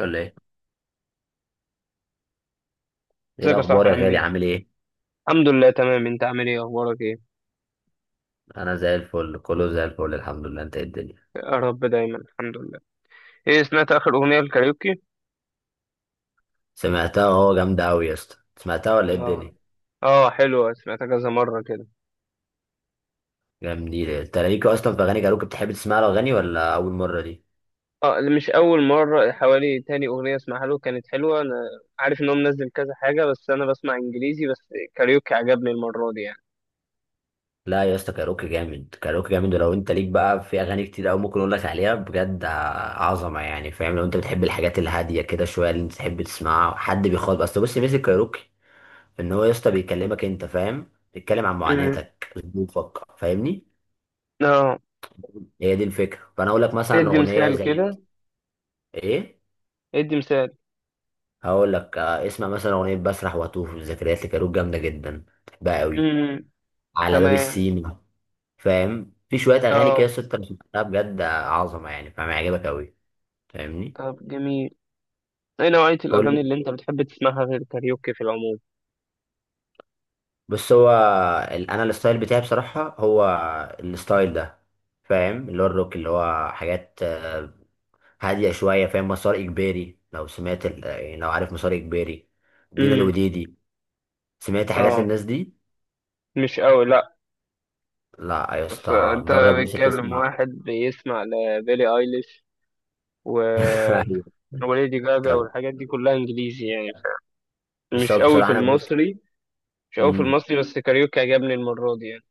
ولا ايه؟ ايه ازيك يا الاخبار صاحبي، يا عامل غالي؟ ايه؟ عامل ايه؟ الحمد لله تمام، انت عامل ايه؟ اخبارك ايه؟ انا زي الفل، كله زي الفل الحمد لله. انت إيه الدنيا؟ يا رب دايما، الحمد لله. ايه، سمعت اخر اغنية الكاريوكي؟ سمعتها اهو، جامده قوي يا اسطى. سمعتها ولا ايه اه. الدنيا؟ اه، حلوة، سمعتها كذا مرة كده. جامدين. انت ليك اصلا في اغاني كاروكي؟ بتحب تسمع له اغاني ولا اول مره دي؟ اه، اللي مش اول مرة. حوالي تاني اغنية اسمعها له كانت حلوة. انا عارف ان هو منزل كذا حاجة، بس انا بسمع انجليزي بس. كاريوكي عجبني المرة دي يعني. لا يا اسطى، كاروكي جامد، كاروكي جامد. ولو انت ليك بقى في اغاني كتير قوي ممكن اقول لك عليها، بجد عظمه يعني. فاهم؟ لو انت بتحب الحاجات الهاديه كده شويه اللي انت تحب تسمعها، حد بيخاطب. اصل بص، ميزه كاروكي ان هو يا اسطى بيكلمك انت، فاهم؟ بيتكلم عن امم. معاناتك، ظروفك. فاهمني؟ اه. هي دي الفكرة. فانا اقول لك مثلا ادي اغنية مثال زي كده. ايه. ادي مثال. هقول لك، اسمع مثلا اغنية بسرح واتوه في الذكريات لكاروك، جامدة جدا بحبها قوي. امم. على باب تمام. السيما. فاهم؟ في شوية اغاني كده اه، ست، أنا سمعتها بجد عظمة يعني. فاهم؟ هيعجبك قوي. فاهمني؟ طب جميل. ايه نوعية قول الاغاني لي. اللي انت بتحب تسمعها غير كاريوكي في العموم؟ بص هو، انا الستايل بتاعي بصراحة هو الستايل ده. فاهم؟ اللي هو الروك، اللي هو حاجات هادية شوية. فاهم مسار اجباري؟ لو سمعت يعني لو عارف مسار اجباري، دينا امم. الوديدي، سمعت حاجات اه. للناس دي؟ مش قوي، لا. لا يا بس اسطى، انت جرب لسه بتكلم تسمع. واحد بيسمع لبيلي ايليش، و... ايوه. وليدي جاجا طب والحاجات دي كلها انجليزي يعني بس مش هو قوي في بصراحه انا بموت. المصري. مش قوي في امم المصري، بس كاريوكي عجبني المرة دي يعني.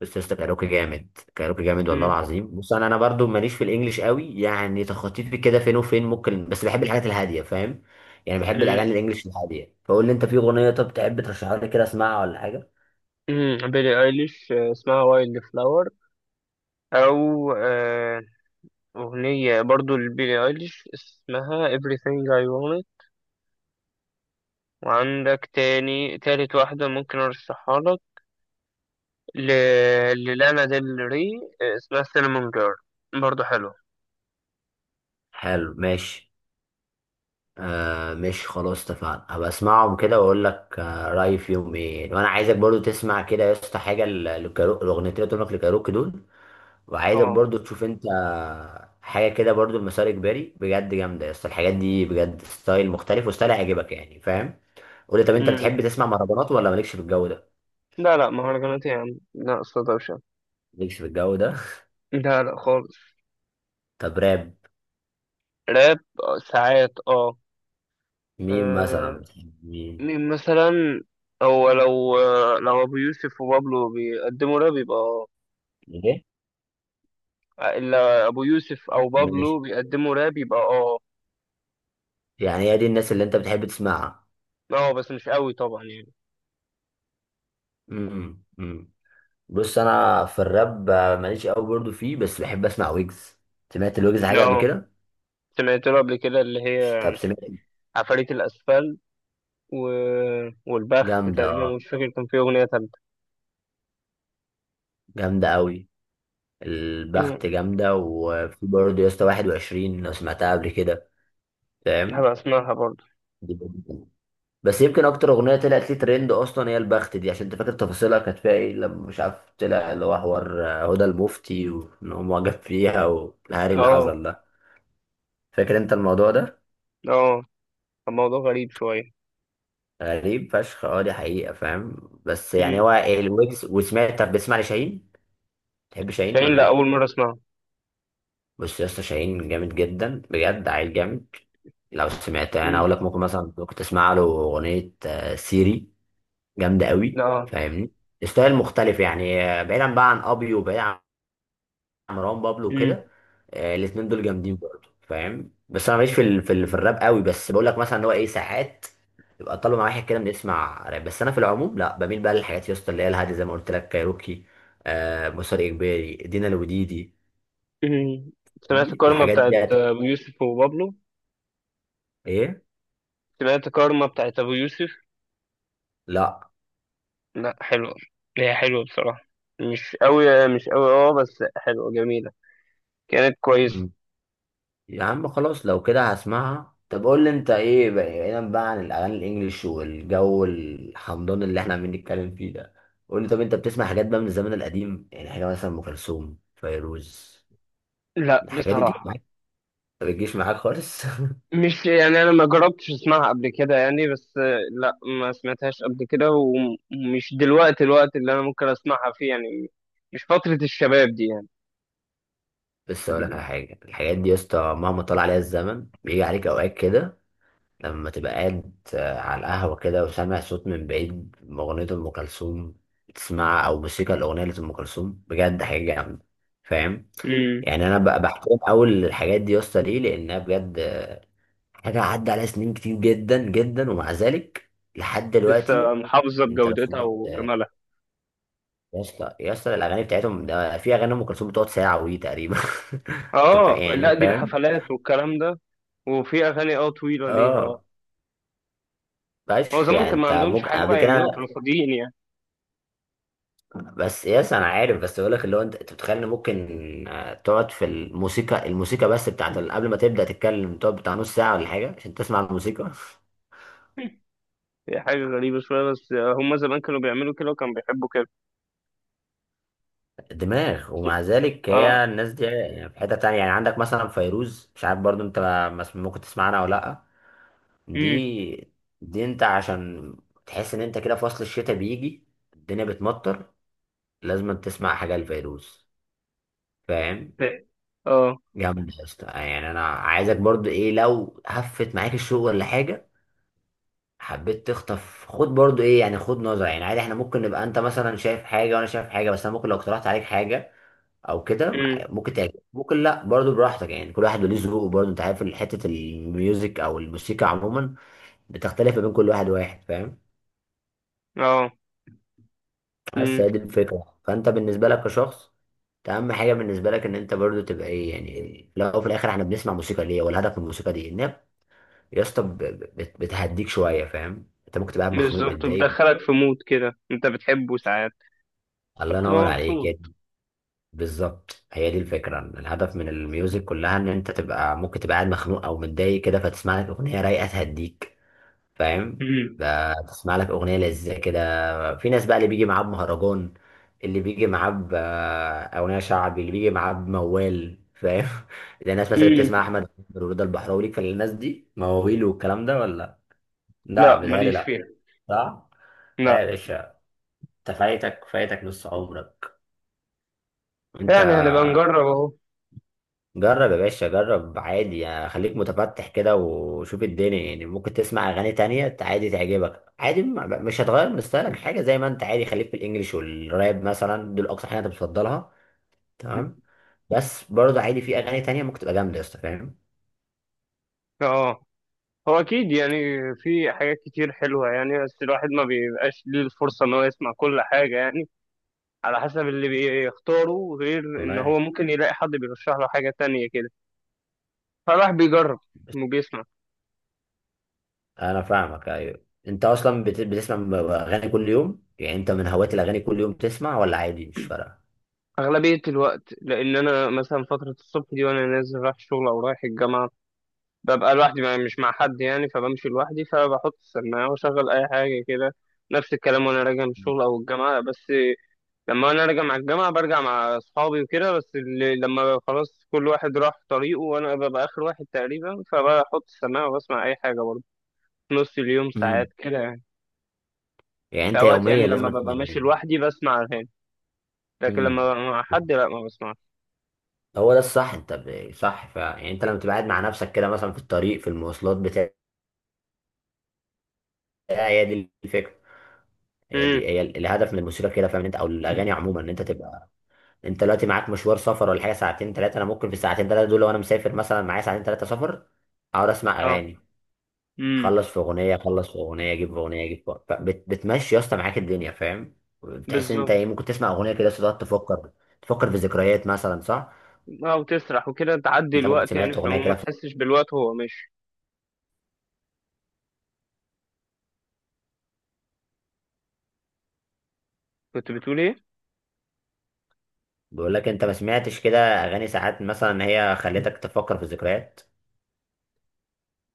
بس يا اسطى، كاروكي جامد، كاروكي جامد والله مم. العظيم. بص، انا برضو ماليش في الانجليش قوي، يعني تخطيطي كده فين وفين ممكن. بس بحب الحاجات الهاديه. فاهم؟ يعني بحب مم. الاغاني الانجليش الهاديه. فقول لي انت في اغنيه، طب تحب ترشحها لي كده اسمعها، ولا حاجه. مم. بيلي ايليش، اسمها وايلد فلاور، او اغنية برضو لبيلي ايليش اسمها everything I want it. وعندك تاني، تالت واحدة ممكن ارشحها لك، ل... للانا ديل ري، اسمها سينمون جيرل، برضه حلو. حلو ماشي. آه ماشي، خلاص اتفقنا، هبقى اسمعهم كده واقول لك آه رايي فيهم ايه. وانا عايزك برضو تسمع كده يا اسطى حاجه الاغنيتين اللي قلت لك لكاروكي دول. وعايزك اه. برضو تشوف انت حاجه كده برضو، المسار اجباري بجد جامده يا اسطى. الحاجات دي بجد ستايل مختلف وستايل هيعجبك، يعني فاهم. قول لي، طب انت امم. بتحب تسمع مهرجانات ولا مالكش في الجو ده؟ لا لا، مهرجانات يا عم لا، أصل دوشة. مالكش في الجو ده. لا لا خالص. طب راب؟ راب ساعات اه. مين مثلا آه،. بتحب؟ مين؟ مين مثلا. هو لو أبو يوسف وبابلو بيقدموا راب، يبقى اه. ايه إلا أبو يوسف أو بابلو ماشي، بيقدموا راب يبقى اه. يعني هي دي الناس اللي انت بتحب تسمعها. اه، بس مش قوي طبعا يعني. امم. بص انا في الراب ماليش قوي برضو فيه، بس بحب اسمع ويجز. سمعت الويجز حاجه قبل اه، كده؟ سمعت له قبل كده، اللي هي طب سمعت؟ عفاريت الأسفل، و... والبخت جامده تقريبا. اه، مش فاكر كان فيه أغنية تالتة. جامده قوي. مم. البخت جامدة، وفي برضه يا اسطى 21 لو سمعتها قبل كده. فاهم؟ هبقى أسمعها برضه. دي برضه. بس يمكن أكتر أغنية طلعت لي ترند أصلا هي البخت دي، عشان أنت فاكر تفاصيلها كانت فيها إيه، لما مش عارف طلع اللي هو حوار هدى المفتي وإن هو معجب فيها والهري اللي اه. حصل ده. فاكر أنت الموضوع ده؟ اه، كان موضوع غريب شوية. غريب فشخ، أه دي حقيقة. فاهم؟ بس يعني مم. هو الويجز. وسمعت؟ طب بتسمع لشاهين؟ تحب شاهين شاهين، ولا لأ، لأ؟ أول مرة أسمعها. بص يا اسطى، شاهين جامد جدا، بجد عيل جامد. لو سمعتها، انا مم. اقول لك ممكن مثلا كنت اسمع له اغنيه سيري، جامده قوي. لا. فاهمني؟ ستايل مختلف، يعني بعيدا بقى عن ابي وبعيدا عن مروان بابلو مم. وكده. الاتنين دول جامدين برضه. فاهم؟ بس انا ماليش في الراب قوي، بس بقول لك مثلا ان هو ايه ساعات يبقى طالب مع واحد كده بنسمع راب، بس انا في العموم لا، بميل بقى للحاجات يا اسطى اللي هي الهاديه، زي ما قلت لك، كايروكي، آه، مسار اجباري، دينا الوديدي. مم. سمعت كارما الحاجات بتاعت دي هتبقى أبو يوسف وبابلو؟ ايه. سمعت كارما بتاعت أبو يوسف؟ لا لأ، حلوة. هي حلوة بصراحة. مش أوي مش أوي، اه بس حلوة جميلة. كانت كويسة. يا عم خلاص، لو كده هسمعها. طب قول لي انت ايه بقى بعيدا بقى عن الاغاني الانجليش والجو الحمضان اللي احنا عمالين نتكلم فيه ده. قول لي، طب انت بتسمع حاجات بقى من الزمن القديم؟ يعني حاجه مثلا ام كلثوم، فيروز، لأ الحاجات دي بتيجي بصراحة، معاك؟ ما بتجيش معاك خالص؟ مش يعني انا ما جربتش اسمعها قبل كده يعني، بس لا، ما سمعتهاش قبل كده، ومش دلوقتي الوقت اللي انا ممكن اسمعها فيه يعني. مش فترة الشباب دي يعني. بس اقول لك على حاجه، الحاجات دي يا اسطى مهما طال عليها الزمن بيجي عليك اوقات كده لما تبقى قاعد على القهوة كده وسامع صوت من بعيد أغنية أم كلثوم تسمعها، أو موسيقى الأغنية لأم كلثوم، بجد حاجة جامدة. فاهم؟ امم. يعني أنا بقى بحترم أول الحاجات دي يا اسطى، ليه؟ لأنها بجد حاجة عدى عليها سنين كتير جدا جدا، ومع ذلك لحد دلوقتي. لسه محافظة أنت لو بجودتها سمعت وجمالها. يا اسطى، يا اسطى، الأغاني بتاعتهم ده، في أغاني أم كلثوم بتقعد ساعة ودي تقريبا. اه يعني لا، دي فاهم. الحفلات والكلام ده. وفي اغاني اه طويلة ليها اه. اه هو فشخ، زمان يعني كان ما انت عندهمش ممكن حاجة قبل بقى يعملوها، كده، كانوا فاضيين يعني. بس يس انا عارف. بس بقول لك اللي هو، انت بتتخيل ان ممكن تقعد في الموسيقى، الموسيقى بس بتاعت قبل ما تبدا تتكلم تقعد بتاع نص ساعه ولا حاجه عشان تسمع الموسيقى. هي حاجة غريبة شوية، بس هم زمان كانوا بيعملوا كده وكانوا بيحبوا كده. دماغ. ومع ذلك اه. هي الناس دي يعني في حته تانية. يعني عندك مثلا فيروز، مش عارف برضو انت ممكن تسمع عنها ولا لا. امم. دي دي انت عشان تحس ان انت كده في فصل الشتاء بيجي، الدنيا بتمطر، لازم تسمع حاجه لفيروز. فاهم؟ اه. جامد يا اسطى. يعني انا عايزك برضو ايه، لو هفت معاك الشغل ولا حاجه، حبيت تخطف، خد برضو ايه يعني، خد نظرة. يعني عادي احنا ممكن نبقى انت مثلا شايف حاجة وانا شايف حاجة، بس انا ممكن لو اقترحت عليك حاجة او كده امم. ممكن تعجبك، ممكن لا، برضو براحتك. يعني كل واحد وليه ذوقه، برضو انت عارف، حتة الميوزك او الموسيقى عموما بتختلف ما بين كل واحد وواحد. فاهم؟ اه، بس هي دي الفكرة. فانت بالنسبة لك كشخص، انت اهم حاجة بالنسبة لك ان انت برضو تبقى ايه يعني. لو في الاخر احنا بنسمع موسيقى ليه، والهدف من الموسيقى دي ان هي يا اسطى بتهديك شوية. فاهم؟ انت ممكن تبقى قاعد مخنوق بالظبط، متضايق. بتدخلك في مود كده انت بتحبه ساعات، الله فبتبقى ينور عليك. مبسوط. بالظبط، هي دي الفكرة، الهدف من الميوزك كلها ان انت تبقى، ممكن تبقى قاعد مخنوق او متضايق كده، فتسمع لك اغنية رايقة تهديك. فاهم؟ امم. تسمع لك اغنية لذيذة كده. في ناس بقى اللي بيجي معاه بمهرجان، اللي بيجي معاه اغنية شعبي، اللي بيجي معاه بموال. فاهم؟ زي الناس مثلا اللي امم. بتسمع احمد عامر ورضا البحراوي ليك، فالناس دي مواويل والكلام ده، ولا؟ لا لا، بيتهيألي ماليش لا. فيها. صح. لا يا لا. باشا، انت فايتك، فايتك نص عمرك انت. يعني هنبقى نجرب اهو. جرب يا باشا، جرب عادي، يعني خليك متفتح كده وشوف الدنيا، يعني ممكن تسمع اغاني تانية عادي تعجبك عادي. مش هتغير من ستايلك حاجة، زي ما انت عادي خليك في الانجليش والراب مثلا دول اكتر حاجة انت بتفضلها، تمام. بس برضه عادي، في اغاني تانية ممكن تبقى جامدة يا اسطى. فاهم؟ اه، هو اكيد يعني، في حاجات كتير حلوه يعني، بس الواحد ما بيبقاش ليه الفرصه ان هو يسمع كل حاجه يعني، على حسب اللي بيختاره، غير والله ان هو يعني. ممكن يلاقي حد بيرشح له حاجه تانية كده. فالواحد بيجرب بس وبيسمع انا فاهمك. ايوه انت اصلا بتسمع اغاني كل يوم. يعني انت من هواة الاغاني، كل يوم تسمع ولا عادي مش فارقة؟ اغلبيه الوقت، لان انا مثلا فتره الصبح دي وانا نازل رايح الشغل او رايح الجامعه، ببقى لوحدي بقى مش مع حد يعني، فبمشي لوحدي فبحط السماعة وأشغل أي حاجة كده. نفس الكلام وأنا راجع من الشغل أو الجامعة. بس لما أنا راجع مع الجامعة برجع مع أصحابي وكده، بس اللي لما خلاص كل واحد راح طريقه وأنا ببقى آخر واحد تقريبا، فبحط السماعة وبسمع أي حاجة برضه في نص اليوم ساعات امم. كده يعني. يعني في انت أوقات يعني يوميا لما لازم تسمع ببقى ماشي اغاني. لوحدي بسمع أغاني، لكن امم. لما ببقى مع حد لأ ما بسمعش. هو ده الصح، انت صح فعلا، يعني انت لما تبقى قاعد مع نفسك كده مثلا في الطريق، في المواصلات بتاع، هي دي الفكره، هي أمم. دي هي الهدف من الموسيقى كده. فاهم انت؟ او الاغاني عموما، ان انت تبقى، انت دلوقتي معاك مشوار سفر ولا حاجه ساعتين ثلاثه، انا ممكن في الساعتين ثلاثه دول لو انا مسافر مثلا، معايا ساعتين ثلاثه سفر، اقعد اسمع أه. اغاني، أمم. اخلص في اغنيه اخلص في اغنيه اجيب في اغنيه اجيب في، بتمشي يا اسطى معاك الدنيا. فاهم؟ بتحس ان انت بالظبط. ايه، ممكن تسمع اغنيه كده بس تقعد تفكر، تفكر في ذكريات مثلا، صح؟ أه، وتسرح وكده تعدي انت ممكن الوقت يعني، سمعت في اغنيه العموم ما كده؟ تحسش بالوقت وهو ماشي. كنت بتقول ايه؟ بقول لك، انت ما سمعتش كده اغاني ساعات مثلا هي خلتك تفكر في الذكريات؟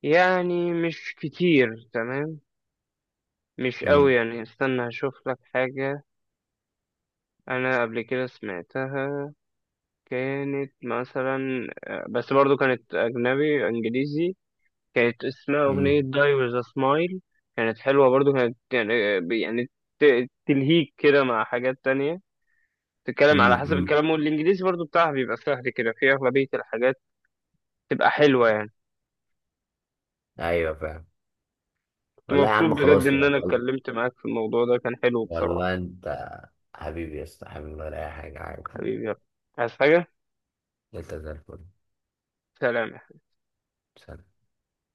يعني مش كتير، تمام. مش قوي امم يعني. استنى هشوف لك حاجة. انا قبل كده سمعتها، كانت مثلا، بس برضو كانت اجنبي انجليزي، كانت اسمها اغنية امم داي ويز ا سمايل. كانت حلوة، برضو كانت يعني ت- تلهيك كده مع حاجات تانية. تتكلم امم على حسب امم الكلام، والانجليزي برضو بتاعها بيبقى سهل كده في اغلبية الحاجات، تبقى حلوة يعني. ايوه فاهم. كنت والله يا مبسوط عم بجد خلاص، ان لا انا اتكلمت معاك في الموضوع ده، كان حلو بصراحة. والله انت حبيبي يا اسطى، حبيبي ولا اي حاجه عادي. حبيبي يلا. عايز حاجة؟ انت زي الفل. سلام. سلام.